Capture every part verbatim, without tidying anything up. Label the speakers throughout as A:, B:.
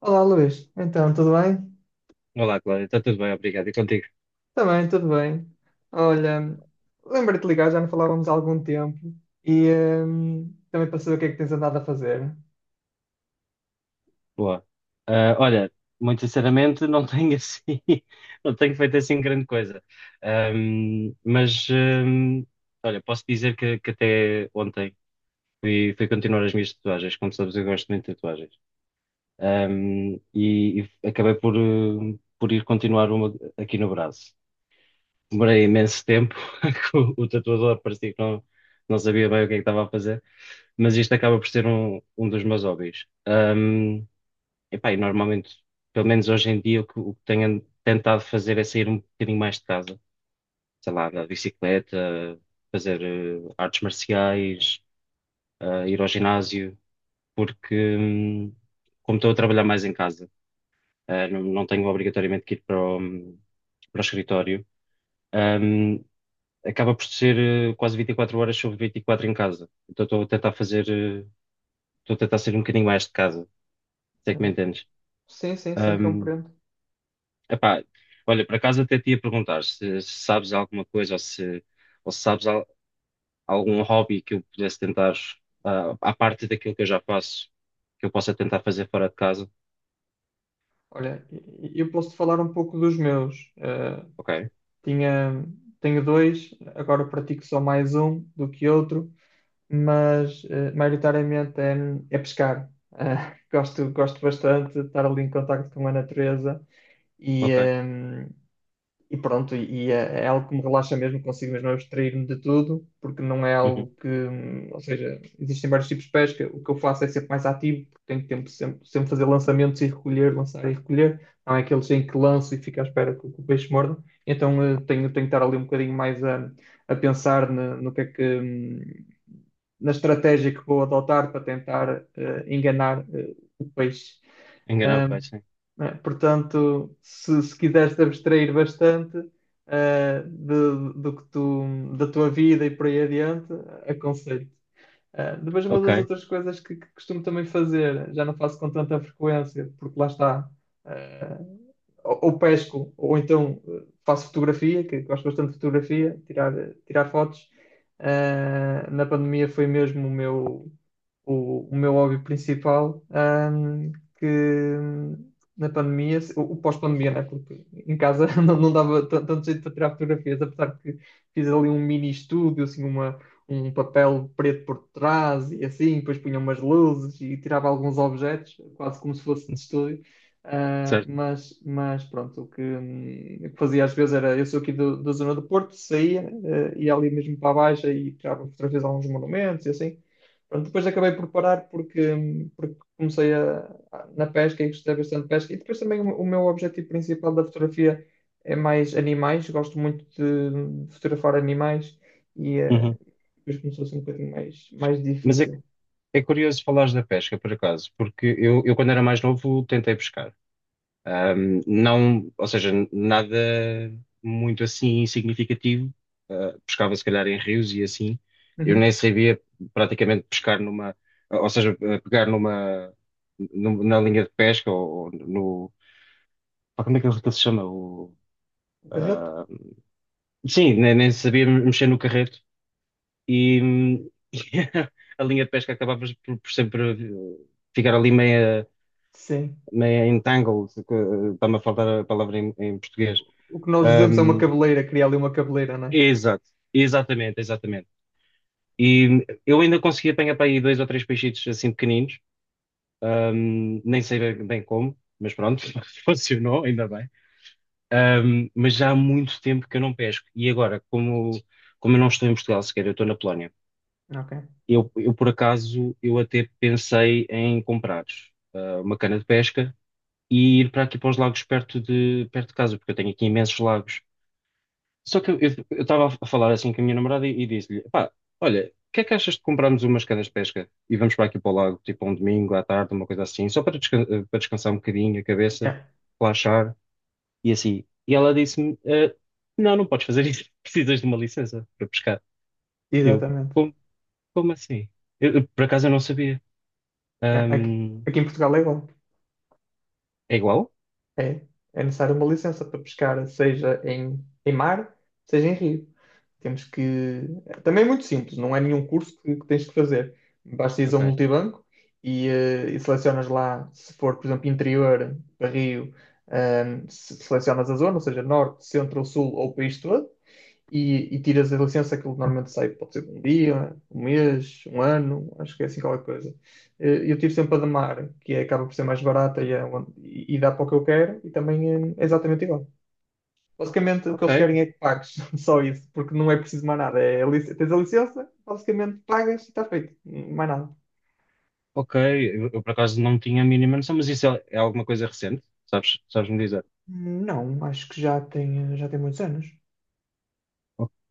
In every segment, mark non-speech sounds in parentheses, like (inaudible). A: Olá, Luís. Então, tudo bem?
B: Olá, Cláudia, está tudo bem, obrigado. E contigo?
A: Também, tudo bem. Olha, lembrei-te de ligar, já não falávamos há algum tempo e hum, também para saber o que é que tens andado a fazer.
B: Boa. Ah, olha, muito sinceramente, não tenho assim, (laughs) não tenho feito assim grande coisa. Ahm, mas, ahm, Olha, posso dizer que, que até ontem fui, fui continuar as minhas tatuagens. Como sabes, eu gosto muito de tatuagens. Ahm, e, e acabei por, ah, por ir continuar uma aqui no braço. Demorei imenso tempo, (laughs) que o o tatuador parecia que não, não sabia bem o que é que estava a fazer, mas isto acaba por ser um, um dos meus hobbies. Ahm, Epá, e normalmente, pelo menos hoje em dia, o que, o que tenho an- tentado fazer é sair um bocadinho mais de casa. Sei lá, da bicicleta, fazer eh, artes marciais, eh, ir ao ginásio, porque hum, como estou a trabalhar mais em casa, eh, não, não tenho obrigatoriamente que ir para o, hum, para o escritório, hum, acaba por ser eh, quase vinte e quatro horas sobre vinte e quatro em casa. Então estou a tentar fazer, eh, estou a tentar sair um bocadinho mais de casa, se é que me
A: É.
B: entendes.
A: Sim, sim, sim,
B: Hum,
A: compreendo.
B: Epá, olha, por acaso até te ia perguntar se, se sabes alguma coisa ou se, ou se sabes al- algum hobby que eu pudesse tentar, ah, à parte daquilo que eu já faço, que eu possa tentar fazer fora de casa.
A: Olha, e- e eu posso-te falar um pouco dos meus. Eh,
B: Ok,
A: tinha, tenho dois, agora pratico só mais um do que outro, mas eh, maioritariamente é, é pescar. Eh, (laughs) gosto, gosto bastante de estar ali em contacto com a natureza e,
B: ok.
A: hum, E pronto, e é, é algo que me relaxa mesmo, consigo mesmo abstrair-me de tudo, porque não é
B: Uhum.
A: algo que, hum, ou seja, existem vários tipos de pesca. O que eu faço é sempre mais ativo, porque tenho tempo de sempre, sempre fazer lançamentos e recolher, lançar e recolher, não é aqueles em que lanço e fico à espera que, que o peixe morda. Então eh, tenho, tenho que estar ali um bocadinho mais a, a pensar na- no que é que, hum, na estratégia que vou adotar para tentar eh, enganar eh, o peixe.
B: Enganar o
A: Hum,
B: pai, sim.
A: né? Portanto, se, se quiseres te abstrair bastante eh, de- do que tu, da tua vida e por aí adiante, aconselho. Eh, depois, uma
B: Ok,
A: das outras coisas que, que costumo também fazer, já não faço com tanta frequência, porque lá está, eh, ou, ou pesco, ou então eh, faço fotografia, que gosto bastante de fotografia, tirar, tirar fotos. Eh, na pandemia foi mesmo o meu o, o meu hobby principal, ahm, que hum, na pandemia, o, o pós-pandemia, né? Porque em casa (laughs) não, não dava tan- tanto jeito para tirar fotografias, apesar que fiz ali um mini estúdio, assim, uma, um papel preto por trás e assim, depois punha umas luzes e tirava alguns objetos, quase como se fosse de estúdio. Ah,
B: certo.
A: mas, mas pronto, o que, hum, o que fazia às vezes era, eu sou aqui do- da zona do Porto, saía, eh, ia ali mesmo para a Baixa e tirava fotografias a alguns monumentos e assim. Pronto, depois acabei por parar porque, porque comecei a, a- na pesca e gostei bastante de pesca. E depois também o, o meu objetivo principal da fotografia é mais animais. Gosto muito de, de fotografar animais e eh,
B: Uhum.
A: depois começou a ser um bocadinho mais, mais
B: Mas é,
A: difícil.
B: é curioso falares da pesca, por acaso, porque eu, eu quando era mais novo tentei pescar. Um, não, ou seja, nada muito assim significativo. Uh, pescava se calhar em rios e assim. Eu nem
A: Uhum.
B: sabia praticamente pescar numa, ou seja, uh, pegar numa, num- na linha de pesca ou, ou no, pá, como é que ele que ele se chama? O,
A: O.
B: uh, sim, nem, nem sabia mexer no carreto e, hum, (laughs) e a linha de pesca acabava por, por sempre uh, ficar ali meia,
A: Sim.
B: meia entangled, que, uh, está-me a faltar a palavra em em português.
A: O que nós dizemos é uma
B: Um,
A: cabeleira, criar ali uma cabeleira, não é?
B: Exato, exatamente, exatamente. E eu ainda consegui apanhar para aí dois ou três peixitos assim pequeninos, ahm, nem sei bem bem como, mas pronto, (laughs) funcionou, ainda bem. Ahm, mas já há muito tempo que eu não pesco. E agora, como, como eu não estou em Portugal sequer, eu estou na Polónia.
A: Ok.
B: Eu, eu, por acaso, eu até pensei em comprar ah, uma cana de pesca e ir para aqui para os lagos perto de, perto de casa, porque eu tenho aqui imensos lagos. Só que eu eu estava a falar assim com a minha namorada e, e disse-lhe: pá, olha, o que é que achas de comprarmos umas canas de pesca e vamos para aqui para o lago, tipo um domingo à tarde, uma coisa assim, só para, desca- eh, para descansar um bocadinho a cabeça,
A: Yeah.
B: relaxar e assim. E ela disse-me: "Eh, não, não podes fazer isso, (laughs) precisas de uma licença para pescar." Eu,
A: Exatamente.
B: como, como assim? Eu, eu, por acaso eu não sabia.
A: É. Aqui,
B: Hum,
A: aqui em Portugal é igual.
B: É igual?
A: É, é necessário uma licença para pescar, seja em, em mar, seja em rio. Temos que. Também é muito simples, não é nenhum curso que, que tens que fazer. Basta ir a
B: Ok,
A: um multibanco e, eh, e selecionas lá, se for, por exemplo, interior, para rio, ehm, se- selecionas a zona, ou seja, norte, centro, sul ou país todo, e, e tiras a licença. Aquilo normalmente sai, pode ser um dia, um mês, um ano, acho que é assim qualquer coisa. Eh, Eu tiro sempre a da Mar, que é, acaba por ser mais barata e é onde- e- e dá para o que eu quero e também eh, é exatamente igual. Basicamente o que
B: ok,
A: eles querem é que pagues, (laughs) só isso, porque não é preciso mais nada. É, a lic- tens a licença, basicamente pagas e está feito, mais nada.
B: ok. Eu, eu, por acaso não tinha a mínima noção, mas isso é, é alguma coisa recente, sabes, sabes me dizer?
A: Não, acho que já tem, já tem muitos anos.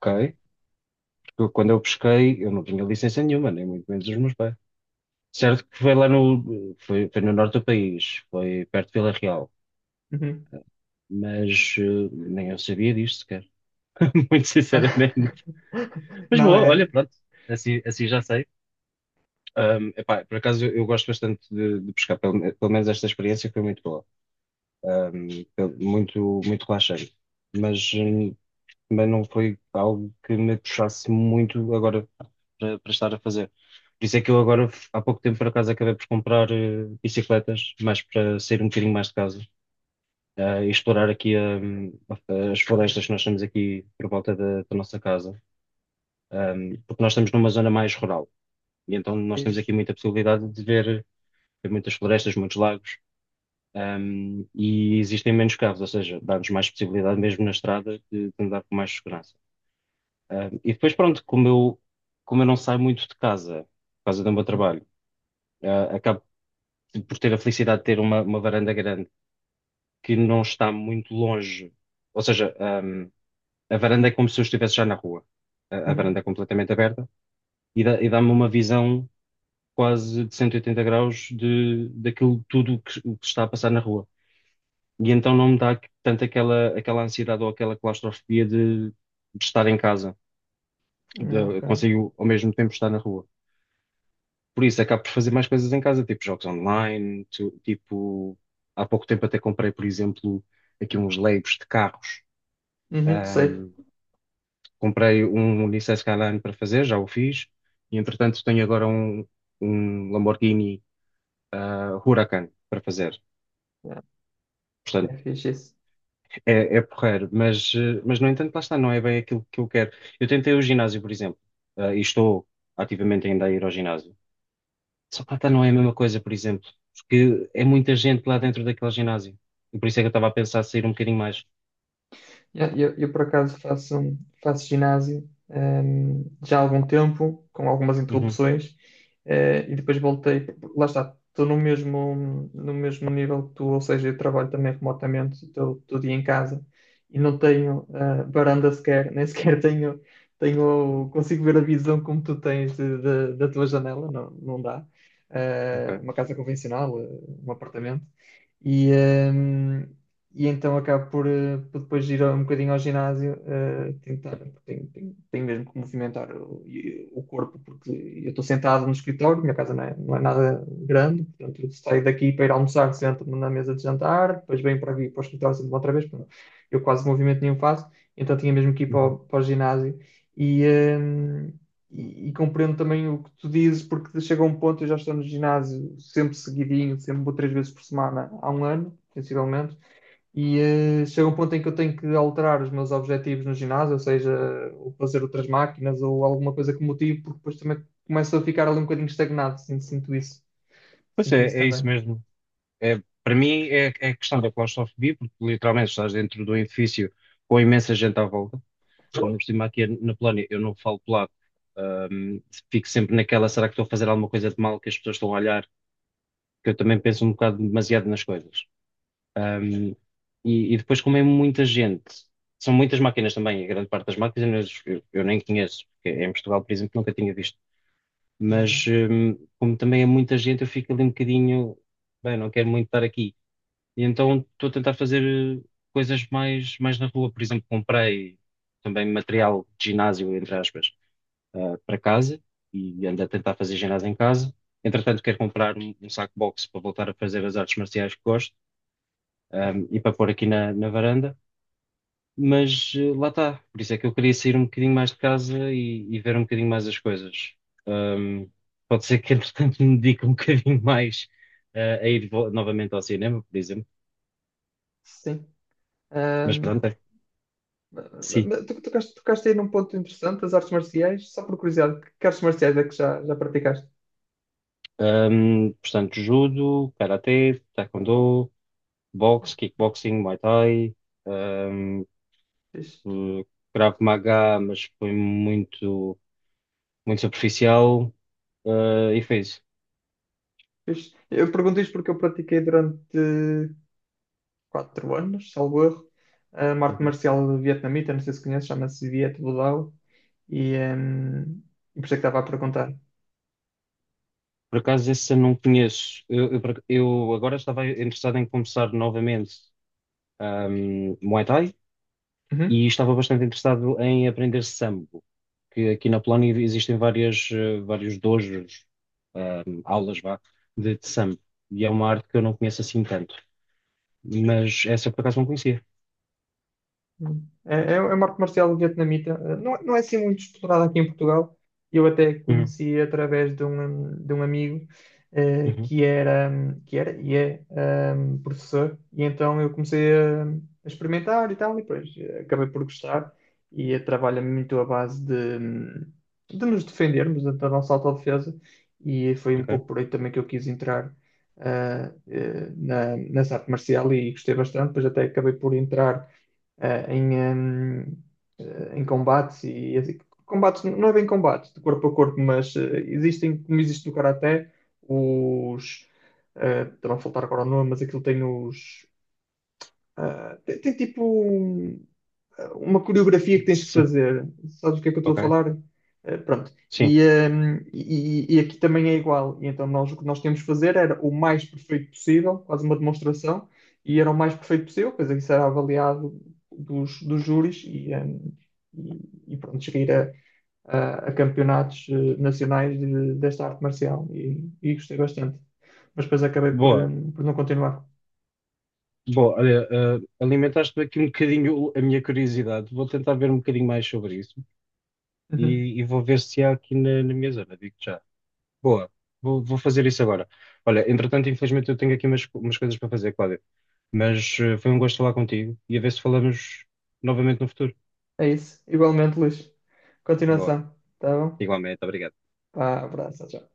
B: Ok. Eu, Quando eu pesquei, eu não tinha licença nenhuma, nem muito menos os meus pais. Certo que foi lá no, foi, foi no norte do país, foi perto de Vila Real,
A: Uhum.
B: mas eh, nem eu sabia disto sequer, (laughs) muito sinceramente.
A: (laughs)
B: Mas
A: Não
B: boa, olha,
A: é?
B: pronto, assim, assim já sei. Ahm, epá, por acaso eu, eu gosto bastante de, de pescar, pelo, pelo menos esta experiência foi muito boa. Ahm, pel- muito, muito relaxante. Mas hum, também não foi algo que me puxasse muito agora para, para estar a fazer. Por isso é que eu agora, há pouco tempo, por acaso, acabei por comprar eh, bicicletas, mais para sair um bocadinho mais de casa eh, e explorar aqui hum, as florestas que nós temos aqui por volta da, da nossa casa. Hum, porque nós estamos numa zona mais rural e então nós temos
A: Fixe.
B: aqui muita possibilidade de ver, ver muitas florestas, muitos lagos. Hum, e existem menos carros, ou seja, dá-nos mais possibilidade mesmo na estrada de, de andar com mais segurança. Hum, e depois, pronto, como eu, como eu não saio muito de casa, por causa do meu trabalho, eh, acaba por ter a felicidade de ter uma, uma varanda grande que não está muito longe. Ou seja, ahm, a varanda é como se eu estivesse já na rua. A, a varanda é
A: Uhum.
B: completamente aberta e dá, e dá-me uma visão quase de cento e oitenta graus de, daquilo tudo que, o que está a passar na rua. E então não me dá que- tanto aquela, aquela ansiedade ou aquela claustrofobia de, de estar em casa. De,
A: Ok.
B: consigo ao mesmo tempo estar na rua. Por isso, acabo por fazer mais coisas em casa, tipo jogos online, tu- tipo, há pouco tempo até comprei, por exemplo, aqui uns Legos de carros.
A: Uhum, sei.
B: Ahm, Comprei um Nissan Skyline para fazer, já o fiz, e entretanto tenho agora um, um Lamborghini ah, Huracan para fazer.
A: É, é
B: Portanto,
A: fixe isso.
B: é, é porreiro, mas, eh, mas no entanto, lá está, não é bem aquilo que eu quero. Eu tentei o ginásio, por exemplo, ah, e estou ativamente ainda a ir ao ginásio. Socata não é a mesma coisa, por exemplo, porque é muita gente lá dentro daquele ginásio. E por isso é que eu estava a pensar sair um bocadinho mais.
A: Yeah. Eu, eu, por acaso faço, um, faço ginásio, hum, já há algum tempo, com algumas
B: Uhum,
A: interrupções, eh, e depois voltei. Lá está, estou no mesmo, no mesmo nível que tu, ou seja, eu trabalho também remotamente, estou todo dia em casa e não tenho eh, varanda sequer, (laughs) nem sequer tenho, tenho, consigo ver a visão como tu tens de- de- da tua janela, não, não dá. Eh,
B: ok.
A: uma casa convencional, eh, um apartamento. E, hum, e então acabo por, eh, por depois ir um bocadinho ao ginásio, eh, tentar, porque tenho, tenho- tenho mesmo que movimentar o, e- o corpo, porque eu estou sentado no escritório. Minha casa não é, não é nada grande, portanto eu saio daqui para ir almoçar, sento-me na mesa de jantar, depois venho para aqui para o escritório, sento-me outra vez. Portanto, eu quase movimento nenhum faço. Então tinha mesmo que ir para
B: Uhum.
A: o, para o ginásio e... eh, E, e compreendo também o que tu dizes, porque chega um ponto, eu já estou no ginásio sempre seguidinho, sempre vou três vezes por semana há um ano, sensivelmente, e eh, chega um ponto em que eu tenho que alterar os meus objetivos no ginásio, ou seja, ou fazer outras máquinas ou alguma coisa que me motive, porque depois também começo a ficar ali um bocadinho estagnado. Sinto, sinto isso,
B: Pois
A: sinto
B: é,
A: isso
B: é
A: também.
B: isso mesmo. É, para mim é, é a questão da claustrofobia, porque literalmente estás dentro do edifício com imensa gente à volta. Ainda por cima aqui na Polónia, eu não falo polaco. Ahm, Fico sempre naquela, será que estou a fazer alguma coisa de mal que as pessoas estão a olhar? Que eu também penso um bocado demasiado nas coisas. Um, e e depois, como é muita gente, são muitas máquinas também, a grande parte das máquinas eu, eu nem conheço, porque é em Portugal, por exemplo, nunca tinha visto.
A: Ah.
B: Mas um, como também é muita gente, eu fico ali um bocadinho, bem, não quero muito estar aqui. E então estou a tentar fazer eh, coisas mais, mais na rua. Por exemplo, comprei também material de ginásio, entre aspas, ah, para casa e ando a tentar fazer ginásio em casa. Entretanto, quero comprar um, um saco boxe para voltar a fazer as artes marciais que gosto um, e para pôr aqui na, na varanda, mas eh, lá está. Por isso é que eu queria sair um bocadinho mais de casa e, e ver um bocadinho mais as coisas. Um, Pode ser que, (laughs) entretanto, me dedique um bocadinho mais eh, a ir vo- novamente ao cinema, por exemplo,
A: Sim.
B: mas
A: Ahm,
B: pronto, é. Sim.
A: mas tu tocaste, tocaste aí num ponto interessante, as artes marciais. Só por curiosidade, que artes marciais é que já, já praticaste?
B: Um, portanto, judo, karatê, taekwondo, boxe, kickboxing, muay thai, um,
A: Fixe,
B: eh, Krav Maga, mas foi muito, muito superficial, eh, e foi isso.
A: Fixe. Eu pergunto isto porque eu pratiquei durante quatro anos, salvo erro. Uh, uma arte
B: Uhum.
A: marcial vietnamita, não sei se conheces, chama-se Viet Vo Dao. E, um, e por isso é que estava a perguntar.
B: Por acaso esse eu não conheço. Eu, eu por eu agora estava interessado em começar novamente ahm, Muay Thai
A: Uhum.
B: e estava bastante interessado em aprender Sambo, que aqui na Polónia existem várias, eh, vários dojos, ahm, aulas vá, de, de Sambo. E é uma arte que eu não conheço assim tanto. Mas essa eu por acaso não conhecia.
A: Hum. É, é é uma arte marcial vietnamita. eh, Não, é, não é assim muito explorada aqui em Portugal. Eu até
B: Uhum,
A: conheci através de um, de um amigo eh,
B: uhum,
A: que era, que era e é ehm, professor. E então eu comecei a, a experimentar e tal. E depois eh, acabei por gostar. E eh, trabalha muito à base de, hum, de nos defendermos, da da nossa autodefesa. E foi um
B: ok.
A: pouco por aí também que eu quis entrar ah, eh, na, nessa arte marcial e gostei bastante. Depois até acabei por entrar eh, em, em, eh, em combates e e- assim. Combates não é bem combates de corpo a corpo, mas eh, existem, como existe no karaté, os eh, estava a faltar agora o nome, mas aquilo tem os eh, tem, tem tipo um- uma coreografia que tens que
B: Sim,
A: fazer. Sabes o que é que eu estou a
B: ok.
A: falar? Eh, pronto.
B: Sim.
A: E, hum, e- e aqui também é igual. E então nós o que nós tínhamos de fazer era o mais perfeito possível, quase uma demonstração, e era o mais perfeito possível, pois isso era avaliado dos, dos júris e, hum, e, e pronto, cheguei a, a- a campeonatos eh, nacionais de- desta arte marcial e, e gostei bastante. Mas depois acabei por,
B: Boa.
A: hum, por não continuar.
B: Boa, olha, eh, alimentaste-me aqui um bocadinho a minha curiosidade. Vou tentar ver um bocadinho mais sobre isso.
A: Uhum.
B: e, e vou ver se há aqui na, na minha zona, digo-te já. Boa, vou, vou fazer isso agora. Olha, entretanto, infelizmente eu tenho aqui umas, co- umas coisas para fazer, Cláudio, mas eh, foi um gosto falar contigo e a ver se falamos novamente no futuro.
A: É isso. Igualmente, Luís.
B: Boa,
A: Continuação. Tá bom?
B: igualmente, obrigado.
A: Ah, abraço, tchau.